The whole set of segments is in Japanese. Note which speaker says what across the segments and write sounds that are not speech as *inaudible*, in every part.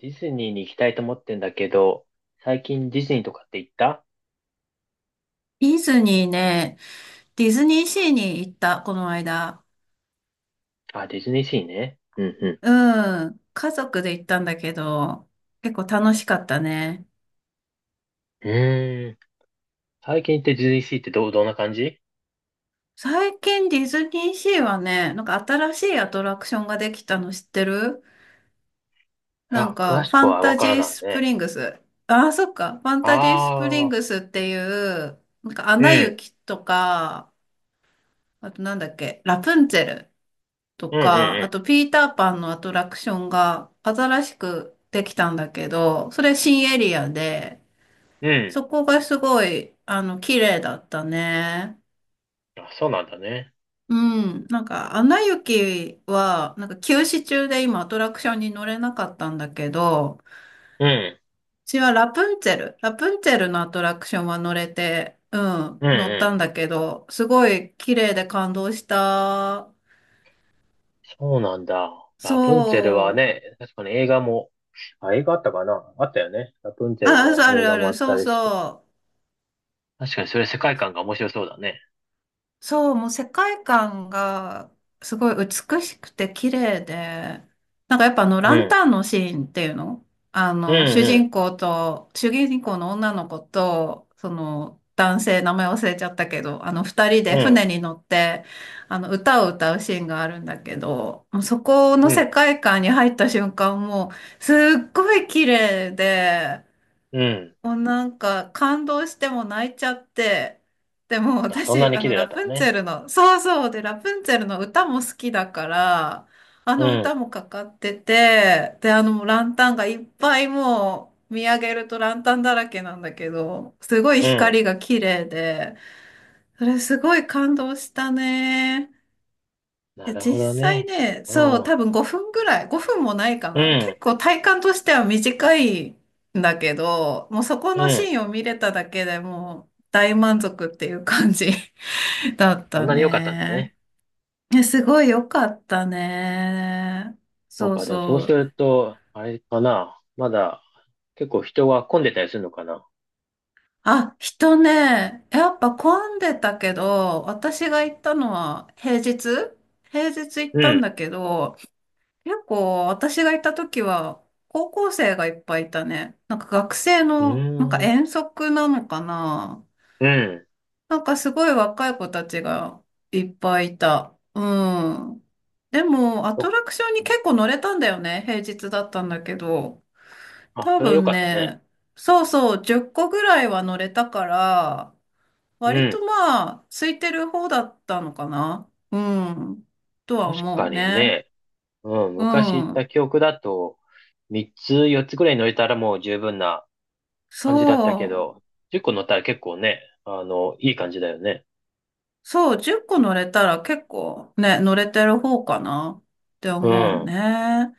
Speaker 1: ディズニーに行きたいと思ってんだけど、最近ディズニーとかって行った？
Speaker 2: ディズニーね、ディズニーシーに行った、この間。
Speaker 1: あ、ディズニーシーね。うんう
Speaker 2: うん。家族で行ったんだけど、結構楽しかったね。
Speaker 1: ん。うーん。最近行ってディズニーシーってどんな感じ？
Speaker 2: 最近ディズニーシーはね、なんか新しいアトラクションができたの知ってる？なん
Speaker 1: あ、詳
Speaker 2: か、
Speaker 1: し
Speaker 2: ファ
Speaker 1: く
Speaker 2: ン
Speaker 1: はわ
Speaker 2: タ
Speaker 1: か
Speaker 2: ジ
Speaker 1: ら
Speaker 2: ー
Speaker 1: ない
Speaker 2: スプ
Speaker 1: ね。
Speaker 2: リングス。ああ、そっか。ファンタジースプリン
Speaker 1: ああ、
Speaker 2: グスっていう、なんか、ア
Speaker 1: う
Speaker 2: ナ
Speaker 1: ん、
Speaker 2: 雪とか、あとなんだっけ、ラプンツェルと
Speaker 1: うん
Speaker 2: か、
Speaker 1: う
Speaker 2: あ
Speaker 1: ん
Speaker 2: とピーターパンのアトラクションが新しくできたんだけど、それ新エリアで、
Speaker 1: うん。う
Speaker 2: そこがすごい、綺麗だったね。
Speaker 1: ん。あ、そうなんだね。
Speaker 2: うん。なんか、アナ雪は、なんか休止中で今アトラクションに乗れなかったんだけど、う
Speaker 1: うん、
Speaker 2: ちはラプンツェル、ラプンツェルのアトラクションは乗れて、う
Speaker 1: う
Speaker 2: ん、
Speaker 1: ん
Speaker 2: 乗っ
Speaker 1: う
Speaker 2: たん
Speaker 1: ん。
Speaker 2: だけど、すごい綺麗で感動した。
Speaker 1: そうなんだ。ラプンツェルは
Speaker 2: そう。
Speaker 1: ね、確かに映画も、あ、映画あったかな、あったよね。ラプンツェル
Speaker 2: あ、
Speaker 1: の
Speaker 2: そうあ
Speaker 1: 映
Speaker 2: るあ
Speaker 1: 画もあ
Speaker 2: る、
Speaker 1: っ
Speaker 2: そ
Speaker 1: た
Speaker 2: う
Speaker 1: りして。
Speaker 2: そう。
Speaker 1: 確かにそれ世界観が面白そうだね。
Speaker 2: そう、もう世界観がすごい美しくて綺麗で、なんかやっぱあの
Speaker 1: う
Speaker 2: ラン
Speaker 1: ん、
Speaker 2: タンのシーンっていうの、
Speaker 1: うん
Speaker 2: 主
Speaker 1: う
Speaker 2: 人公と、主人公の女の子と、その男性、名前忘れちゃったけど、あの二人
Speaker 1: ん、
Speaker 2: で
Speaker 1: うん、
Speaker 2: 船に乗って、あの歌を歌うシーンがあるんだけど、もうそこの
Speaker 1: うん。
Speaker 2: 世界観に入った瞬間もうすっごい綺麗で、
Speaker 1: うん。
Speaker 2: もうなんか感動しても泣いちゃって、でも
Speaker 1: あ、そんな
Speaker 2: 私、
Speaker 1: に
Speaker 2: あ
Speaker 1: 綺
Speaker 2: の
Speaker 1: 麗だ
Speaker 2: ラ
Speaker 1: ったの
Speaker 2: プンツ
Speaker 1: ね。
Speaker 2: ェルの、そうそうで、ラプンツェルの歌も好きだから、あ
Speaker 1: う
Speaker 2: の
Speaker 1: ん。
Speaker 2: 歌もかかってて、で、あのランタンがいっぱいもう見上げるとランタンだらけなんだけど、すごい
Speaker 1: うん。
Speaker 2: 光が綺麗で、それすごい感動したね。い
Speaker 1: な
Speaker 2: や、
Speaker 1: るほ
Speaker 2: 実
Speaker 1: ど
Speaker 2: 際
Speaker 1: ね。
Speaker 2: ね、
Speaker 1: う
Speaker 2: そう、
Speaker 1: ん。
Speaker 2: 多分5分ぐらい、5分もないか
Speaker 1: う
Speaker 2: な。
Speaker 1: ん。
Speaker 2: 結構体感としては短いんだけど、もうそこ
Speaker 1: う
Speaker 2: の
Speaker 1: ん。
Speaker 2: シーンを見れただけでもう大満足っていう感じ *laughs* だっ
Speaker 1: そ
Speaker 2: た
Speaker 1: んなに良かったんだ
Speaker 2: ね。
Speaker 1: ね。
Speaker 2: いやすごい良かったね。
Speaker 1: そう
Speaker 2: そう
Speaker 1: か。でもそう
Speaker 2: そ
Speaker 1: す
Speaker 2: う。
Speaker 1: ると、あれかな。まだ結構人が混んでたりするのかな。
Speaker 2: あ、人ね、やっぱ混んでたけど、私が行ったのは平日、行っ
Speaker 1: う
Speaker 2: たん
Speaker 1: ん。
Speaker 2: だけど、結構私がいた時は高校生がいっぱいいたね。なんか学生
Speaker 1: う
Speaker 2: の、なんか
Speaker 1: ーん。
Speaker 2: 遠足なのかな。
Speaker 1: うん。
Speaker 2: なんかすごい若い子たちがいっぱいいた。うん。でもアト
Speaker 1: そ
Speaker 2: ラクション
Speaker 1: う。
Speaker 2: に
Speaker 1: うん。
Speaker 2: 結構乗れたんだよね。平日だったんだけど。
Speaker 1: あ、
Speaker 2: 多
Speaker 1: それは良
Speaker 2: 分
Speaker 1: かったね。
Speaker 2: ね、そうそう、10個ぐらいは乗れたから、
Speaker 1: う
Speaker 2: 割と
Speaker 1: ん。
Speaker 2: まあ、空いてる方だったのかな。うん、とは
Speaker 1: 確
Speaker 2: 思う
Speaker 1: かに
Speaker 2: ね。
Speaker 1: ね。うん。
Speaker 2: う
Speaker 1: 昔行った
Speaker 2: ん。
Speaker 1: 記憶だと、3つ、4つぐらい乗れたらもう十分な感じだったけ
Speaker 2: そう。
Speaker 1: ど、10個乗ったら結構ね、あの、いい感じだよね。
Speaker 2: そう、10個乗れたら結構ね、乗れてる方かなって
Speaker 1: う
Speaker 2: 思う
Speaker 1: ん。
Speaker 2: ね。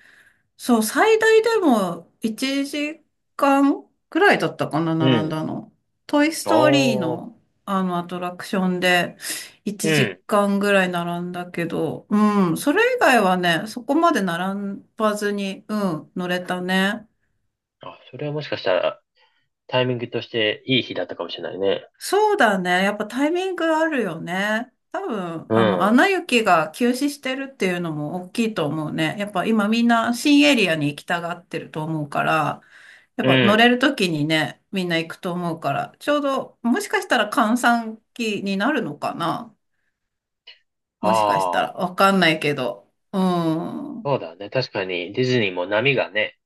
Speaker 2: そう、最大でも1時間くらいだったかな、
Speaker 1: う
Speaker 2: 並ん
Speaker 1: ん。
Speaker 2: だの。トイス
Speaker 1: あ
Speaker 2: トーリー
Speaker 1: あ、
Speaker 2: のあのアトラクションで
Speaker 1: う
Speaker 2: 1
Speaker 1: ん。
Speaker 2: 時間ぐらい並んだけど、うん、それ以外はね、そこまで並ばずに、うん、乗れたね。
Speaker 1: あ、それはもしかしたらタイミングとしていい日だったかもしれないね。
Speaker 2: そうだね。やっぱタイミングあるよね。多分、
Speaker 1: う
Speaker 2: ア
Speaker 1: ん。
Speaker 2: ナ雪が休止してるっていうのも大きいと思うね。やっぱ今みんな新エリアに行きたがってると思うから、やっ
Speaker 1: う
Speaker 2: ぱ乗
Speaker 1: ん。
Speaker 2: れる時にね、みんな行くと思うから、ちょうど、もしかしたら閑散期になるのかな、もしかした
Speaker 1: ああ、
Speaker 2: ら。わかんないけど。うん。
Speaker 1: そうだね。確かにディズニーも波がね、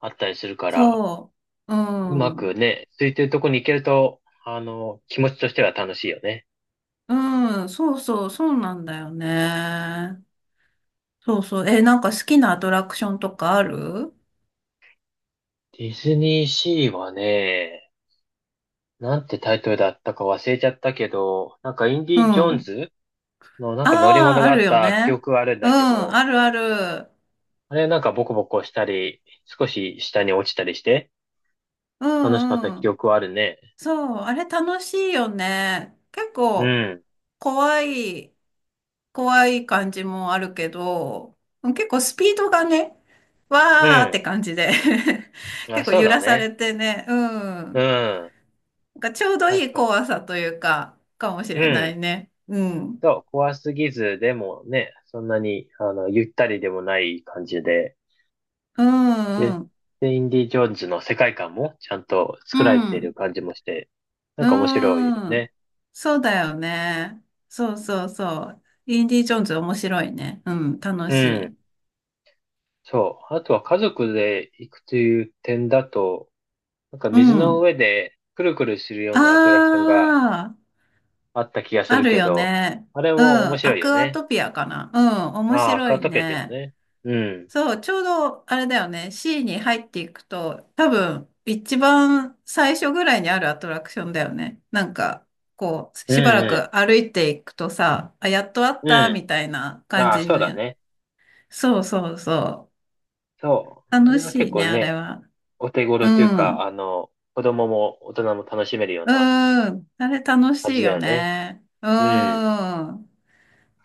Speaker 1: あったりするから、
Speaker 2: そう。う
Speaker 1: うまく
Speaker 2: ん。
Speaker 1: ね、空いてるとこに行けると、あの、気持ちとしては楽しいよね。
Speaker 2: うん。そうそう、そうなんだよね。そうそう。え、なんか好きなアトラクションとかある？
Speaker 1: ディズニーシーはね、なんてタイトルだったか忘れちゃったけど、なんかイン
Speaker 2: う
Speaker 1: ディ・ジョーン
Speaker 2: ん。
Speaker 1: ズのなんか乗り
Speaker 2: あ
Speaker 1: 物
Speaker 2: あ、あ
Speaker 1: があっ
Speaker 2: るよ
Speaker 1: た記
Speaker 2: ね。
Speaker 1: 憶はあるん
Speaker 2: うん、
Speaker 1: だけど、
Speaker 2: あるある。
Speaker 1: あれなんかボコボコしたり、少し下に落ちたりして、
Speaker 2: う
Speaker 1: 楽しかった
Speaker 2: んう
Speaker 1: 記
Speaker 2: ん。
Speaker 1: 憶はあるね。
Speaker 2: そう、あれ楽しいよね。結
Speaker 1: う
Speaker 2: 構、
Speaker 1: ん。
Speaker 2: 怖い、感じもあるけど、結構スピードがね、
Speaker 1: う
Speaker 2: わーっ
Speaker 1: ん。
Speaker 2: て感じで *laughs*
Speaker 1: まあ、
Speaker 2: 結構
Speaker 1: そう
Speaker 2: 揺
Speaker 1: だ
Speaker 2: らさ
Speaker 1: ね。
Speaker 2: れてね、う
Speaker 1: う
Speaker 2: ん。
Speaker 1: ん。
Speaker 2: なんかちょうどい
Speaker 1: 確
Speaker 2: い
Speaker 1: かに。
Speaker 2: 怖さというか、かもし
Speaker 1: う
Speaker 2: れな
Speaker 1: ん。
Speaker 2: いね。うん。
Speaker 1: そう、怖すぎず、でもね、そんなに、あの、ゆったりでもない感じで、
Speaker 2: うん
Speaker 1: で、
Speaker 2: うん。
Speaker 1: で、インディ・ジョーンズの世界観もちゃんと
Speaker 2: う
Speaker 1: 作られている
Speaker 2: ん。
Speaker 1: 感じもして、なん
Speaker 2: う
Speaker 1: か面白いよ
Speaker 2: ーん。
Speaker 1: ね。
Speaker 2: そうだよね。そうそうそう。インディ・ジョーンズ面白いね。うん、楽
Speaker 1: う
Speaker 2: し
Speaker 1: ん。
Speaker 2: い。
Speaker 1: そう。あとは家族で行くという点だと、なんか
Speaker 2: う
Speaker 1: 水の
Speaker 2: ん。
Speaker 1: 上でくるくるするよ
Speaker 2: あ
Speaker 1: うなアトラクションが
Speaker 2: あ、
Speaker 1: あった気がす
Speaker 2: あ
Speaker 1: る
Speaker 2: る
Speaker 1: け
Speaker 2: よ
Speaker 1: ど、
Speaker 2: ね。
Speaker 1: あれ
Speaker 2: う
Speaker 1: も面
Speaker 2: ん、ア
Speaker 1: 白い
Speaker 2: ク
Speaker 1: よ
Speaker 2: ア
Speaker 1: ね。
Speaker 2: トピアかな。うん、面
Speaker 1: ああ、
Speaker 2: 白
Speaker 1: カー
Speaker 2: い
Speaker 1: トってる
Speaker 2: ね。
Speaker 1: ね。うん。
Speaker 2: そう、ちょうどあれだよね。シーに入っていくと、多分、一番最初ぐらいにあるアトラクションだよね。なんか、こう、
Speaker 1: うん
Speaker 2: しばら
Speaker 1: う
Speaker 2: く歩いていくとさ、あ、やっとあっ
Speaker 1: ん。
Speaker 2: た、
Speaker 1: う
Speaker 2: みたいな
Speaker 1: ん。
Speaker 2: 感
Speaker 1: ああ、
Speaker 2: じ
Speaker 1: そう
Speaker 2: の。
Speaker 1: だね。
Speaker 2: そうそうそう。
Speaker 1: そう。あ
Speaker 2: 楽
Speaker 1: れは
Speaker 2: し
Speaker 1: 結
Speaker 2: い
Speaker 1: 構
Speaker 2: ね、あれ
Speaker 1: ね、
Speaker 2: は。
Speaker 1: お手
Speaker 2: う
Speaker 1: 頃という
Speaker 2: ん。う
Speaker 1: か、
Speaker 2: ん。
Speaker 1: あの、子供も大人も楽しめるような
Speaker 2: あれ楽し
Speaker 1: 感じ
Speaker 2: い
Speaker 1: だ
Speaker 2: よ
Speaker 1: よね。
Speaker 2: ね。うん。
Speaker 1: うん。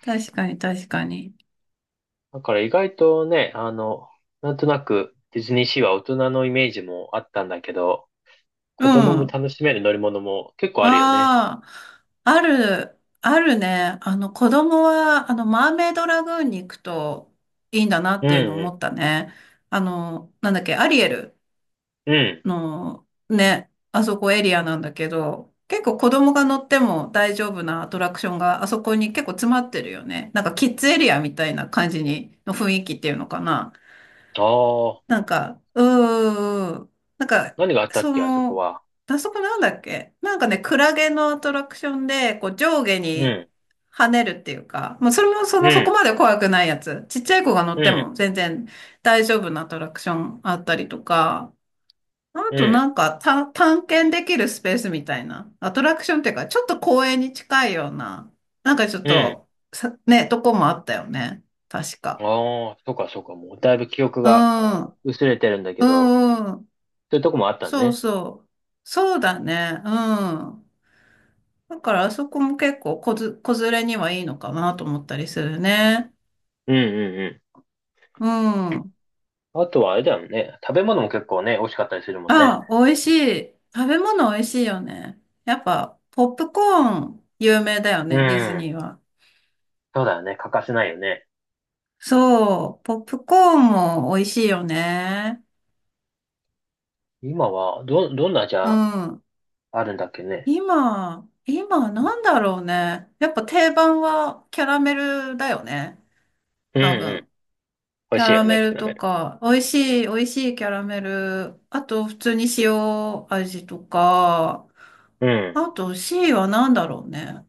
Speaker 2: 確かに、確かに。
Speaker 1: だから意外とね、あの、なんとなくディズニーシーは大人のイメージもあったんだけど、
Speaker 2: う
Speaker 1: 子供も
Speaker 2: ん。
Speaker 1: 楽しめる乗り物も結構あるよね。
Speaker 2: ああ、ある、あるね。子供は、マーメイドラグーンに行くといいんだなっ
Speaker 1: う
Speaker 2: ていうのを
Speaker 1: ん
Speaker 2: 思ったね。あの、なんだっけ、アリエル
Speaker 1: うん。うん。
Speaker 2: の、ね、あそこエリアなんだけど、結構子供が乗っても大丈夫なアトラクションがあそこに結構詰まってるよね。なんかキッズエリアみたいな感じに、の雰囲気っていうのかな。
Speaker 1: ああ、
Speaker 2: なんか、
Speaker 1: 何があったっ
Speaker 2: そ
Speaker 1: け、あそこ
Speaker 2: の、
Speaker 1: は。
Speaker 2: あそこなんだっけなんかね、クラゲのアトラクションで、こう上下
Speaker 1: う
Speaker 2: に
Speaker 1: ん。
Speaker 2: 跳ねるっていうか、まあそれもそ
Speaker 1: う
Speaker 2: の、そこ
Speaker 1: ん。
Speaker 2: まで怖くないやつ。ちっちゃい子が乗
Speaker 1: う
Speaker 2: って
Speaker 1: ん。
Speaker 2: も全然大丈夫なアトラクションあったりとか、あ
Speaker 1: う
Speaker 2: と
Speaker 1: ん。
Speaker 2: なんかた探検できるスペースみたいな、アトラクションっていうか、ちょっと公園に近いような、なんかちょっ
Speaker 1: うん。
Speaker 2: と、さ、ね、とこもあったよね。確か。
Speaker 1: ああ、そうかそうか。もうだいぶ記憶
Speaker 2: う
Speaker 1: が
Speaker 2: ん、
Speaker 1: 薄れてるんだけ
Speaker 2: う
Speaker 1: ど、
Speaker 2: ん、うん。
Speaker 1: そういうとこもあった
Speaker 2: そう
Speaker 1: ね。
Speaker 2: そう。そうだね。うん。だからあそこも結構子ず、子連れにはいいのかなと思ったりするね。
Speaker 1: うんうんう
Speaker 2: うん。
Speaker 1: ん。あとはあれだよね。食べ物も結構ね、美味しかったりするもんね。
Speaker 2: あ、美味しい。食べ物美味しいよね。やっぱ、ポップコーン有名だよ
Speaker 1: う
Speaker 2: ね、ディズ
Speaker 1: ん。
Speaker 2: ニーは。
Speaker 1: そうだよね。欠かせないよね。
Speaker 2: そう、ポップコーンも美味しいよね。
Speaker 1: 今は、どんな味
Speaker 2: う
Speaker 1: あ
Speaker 2: ん。
Speaker 1: るんだっけね。
Speaker 2: 今、なんだろうね。やっぱ定番はキャラメルだよね。
Speaker 1: うん
Speaker 2: 多
Speaker 1: うん。
Speaker 2: 分。
Speaker 1: 美
Speaker 2: キ
Speaker 1: 味
Speaker 2: ャ
Speaker 1: しい
Speaker 2: ラ
Speaker 1: よね、
Speaker 2: メ
Speaker 1: キ
Speaker 2: ル
Speaker 1: ャラメ
Speaker 2: と
Speaker 1: ル。
Speaker 2: か、美味しい、キャラメル。あと、普通に塩味とか。
Speaker 1: うん。
Speaker 2: あと、C は何だろうね。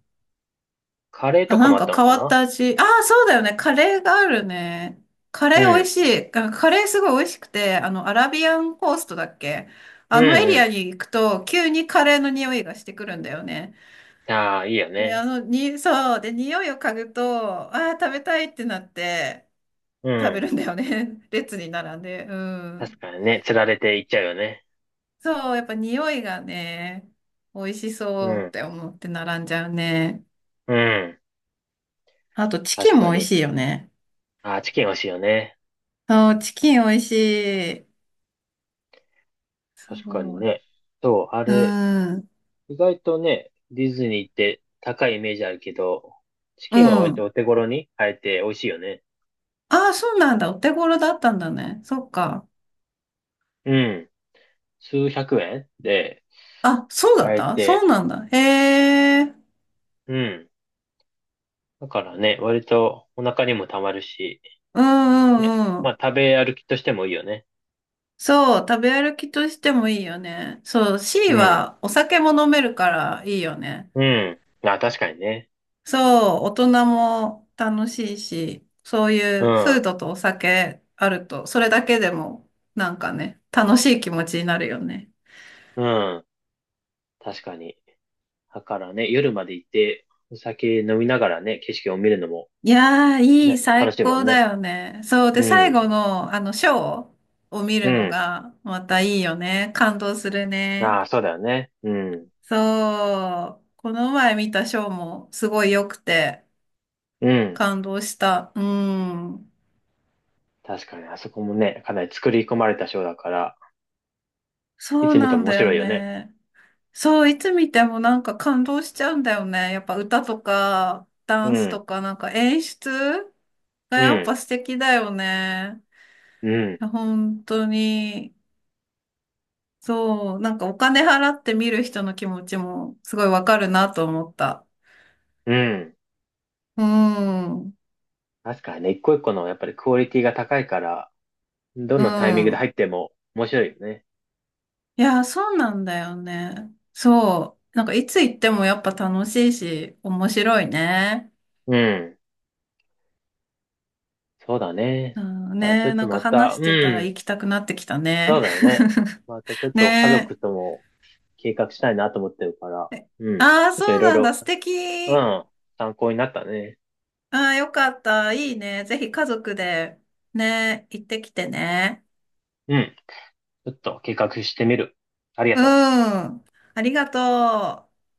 Speaker 1: カレー
Speaker 2: あ、
Speaker 1: とか
Speaker 2: な
Speaker 1: も
Speaker 2: ん
Speaker 1: あっ
Speaker 2: か
Speaker 1: たの
Speaker 2: 変
Speaker 1: か
Speaker 2: わっ
Speaker 1: な。
Speaker 2: た味。ああ、そうだよね。カレーがあるね。カ
Speaker 1: う
Speaker 2: レー美味
Speaker 1: ん。
Speaker 2: しい。あカレーすごい美味しくて、アラビアンコーストだっけ？
Speaker 1: う
Speaker 2: あ
Speaker 1: ん
Speaker 2: のエリア
Speaker 1: う
Speaker 2: に行くと、急にカレーの匂いがしてくるんだよね。
Speaker 1: ん。ああ、いいよ
Speaker 2: で、
Speaker 1: ね。
Speaker 2: そう。で、匂いを嗅ぐと、ああ、食べたいってなって、
Speaker 1: う
Speaker 2: 食べ
Speaker 1: ん。
Speaker 2: るんだよね。*laughs* 列に並んで。う
Speaker 1: 確
Speaker 2: ん。
Speaker 1: かにね、釣られていっちゃうよね。
Speaker 2: そう、やっぱ匂いがね、美味し
Speaker 1: う
Speaker 2: そうっ
Speaker 1: ん。
Speaker 2: て思って並んじゃうね。
Speaker 1: うん。
Speaker 2: あと、チキ
Speaker 1: 確
Speaker 2: ン
Speaker 1: か
Speaker 2: も美味
Speaker 1: に。
Speaker 2: しいよね。
Speaker 1: ああ、チキン美味しいよね。
Speaker 2: そう、チキン美味しい。そ
Speaker 1: 確かに
Speaker 2: う。
Speaker 1: ね。そう、あ
Speaker 2: う
Speaker 1: れ、
Speaker 2: ん。
Speaker 1: 意外とね、ディズニーって高いイメージあるけど、チ
Speaker 2: う
Speaker 1: キンは割と
Speaker 2: ん。
Speaker 1: お手頃に買えて美味しいよね。
Speaker 2: ああ、そうなんだ。お手頃だったんだね。そっか。
Speaker 1: うん。数百円で
Speaker 2: あ、そうだっ
Speaker 1: 買え
Speaker 2: たそ
Speaker 1: て、
Speaker 2: うなんだ。へえ。
Speaker 1: うん。だからね、割とお腹にもたまるし、
Speaker 2: うん
Speaker 1: ね。
Speaker 2: うんう
Speaker 1: まあ
Speaker 2: ん。
Speaker 1: 食べ歩きとしてもいいよね。
Speaker 2: そう、食べ歩きとしてもいいよね。そう、C
Speaker 1: うん。
Speaker 2: はお酒も飲めるからいいよね。
Speaker 1: うん。あ、確かにね。
Speaker 2: そう、大人も楽しいし、そうい
Speaker 1: う
Speaker 2: うフー
Speaker 1: ん。
Speaker 2: ドとお酒あると、それだけでもなんかね、楽しい気持ちになるよね。
Speaker 1: うん。確かに。だからね、夜まで行って、お酒飲みながらね、景色を見るのも
Speaker 2: いやー、いい、
Speaker 1: ね、楽
Speaker 2: 最
Speaker 1: しいも
Speaker 2: 高
Speaker 1: ん
Speaker 2: だ
Speaker 1: ね。
Speaker 2: よね。そう。で、
Speaker 1: う
Speaker 2: 最後
Speaker 1: ん。
Speaker 2: の、ショーを見
Speaker 1: う
Speaker 2: るの
Speaker 1: ん。
Speaker 2: が、またいいよね。感動するね。
Speaker 1: ああ、そうだよね。うん。
Speaker 2: そう。この前見たショーも、すごい良くて、
Speaker 1: うん。
Speaker 2: 感動した。うん。
Speaker 1: 確かに、あそこもね、かなり作り込まれたショーだから、い
Speaker 2: そう
Speaker 1: つ見て
Speaker 2: な
Speaker 1: も
Speaker 2: ん
Speaker 1: 面
Speaker 2: だよ
Speaker 1: 白いよね。
Speaker 2: ね。そう、いつ見てもなんか感動しちゃうんだよね。やっぱ歌とか、ダ
Speaker 1: う
Speaker 2: ンス
Speaker 1: ん、
Speaker 2: とか、なんか演出が
Speaker 1: う
Speaker 2: やっ
Speaker 1: ん、
Speaker 2: ぱ素敵だよね。
Speaker 1: うん、
Speaker 2: 本当に。そう、なんかお金払って見る人の気持ちもすごいわかるなと思った。
Speaker 1: うん。
Speaker 2: うん、う
Speaker 1: 確かにね、一個一個のやっぱりクオリティが高いから、どのタイミングで
Speaker 2: ん。
Speaker 1: 入っても面白いよね。
Speaker 2: いや、そうなんだよね。そう。なんかいつ行ってもやっぱ楽しいし、面白いね。
Speaker 1: うん、そうだ
Speaker 2: う
Speaker 1: ね。
Speaker 2: ん
Speaker 1: だからちょ
Speaker 2: ね、
Speaker 1: っと
Speaker 2: なんか
Speaker 1: また、
Speaker 2: 話し
Speaker 1: う
Speaker 2: てたら
Speaker 1: ん、
Speaker 2: 行きたくなってきた
Speaker 1: そう
Speaker 2: ね。
Speaker 1: だよね。またちょっ
Speaker 2: *laughs*
Speaker 1: と家
Speaker 2: ね。
Speaker 1: 族とも計画したいなと思ってるから、うん、ち
Speaker 2: ああ、
Speaker 1: ょっと
Speaker 2: そ
Speaker 1: い
Speaker 2: う
Speaker 1: ろい
Speaker 2: なんだ。
Speaker 1: ろ、
Speaker 2: 素
Speaker 1: う
Speaker 2: 敵。
Speaker 1: ん、参考になったね。
Speaker 2: ああ、よかった。いいね。ぜひ家族でね、行ってきてね。
Speaker 1: うん、ちょっと計画してみる。ありが
Speaker 2: う
Speaker 1: とう。
Speaker 2: ん。ありがとう。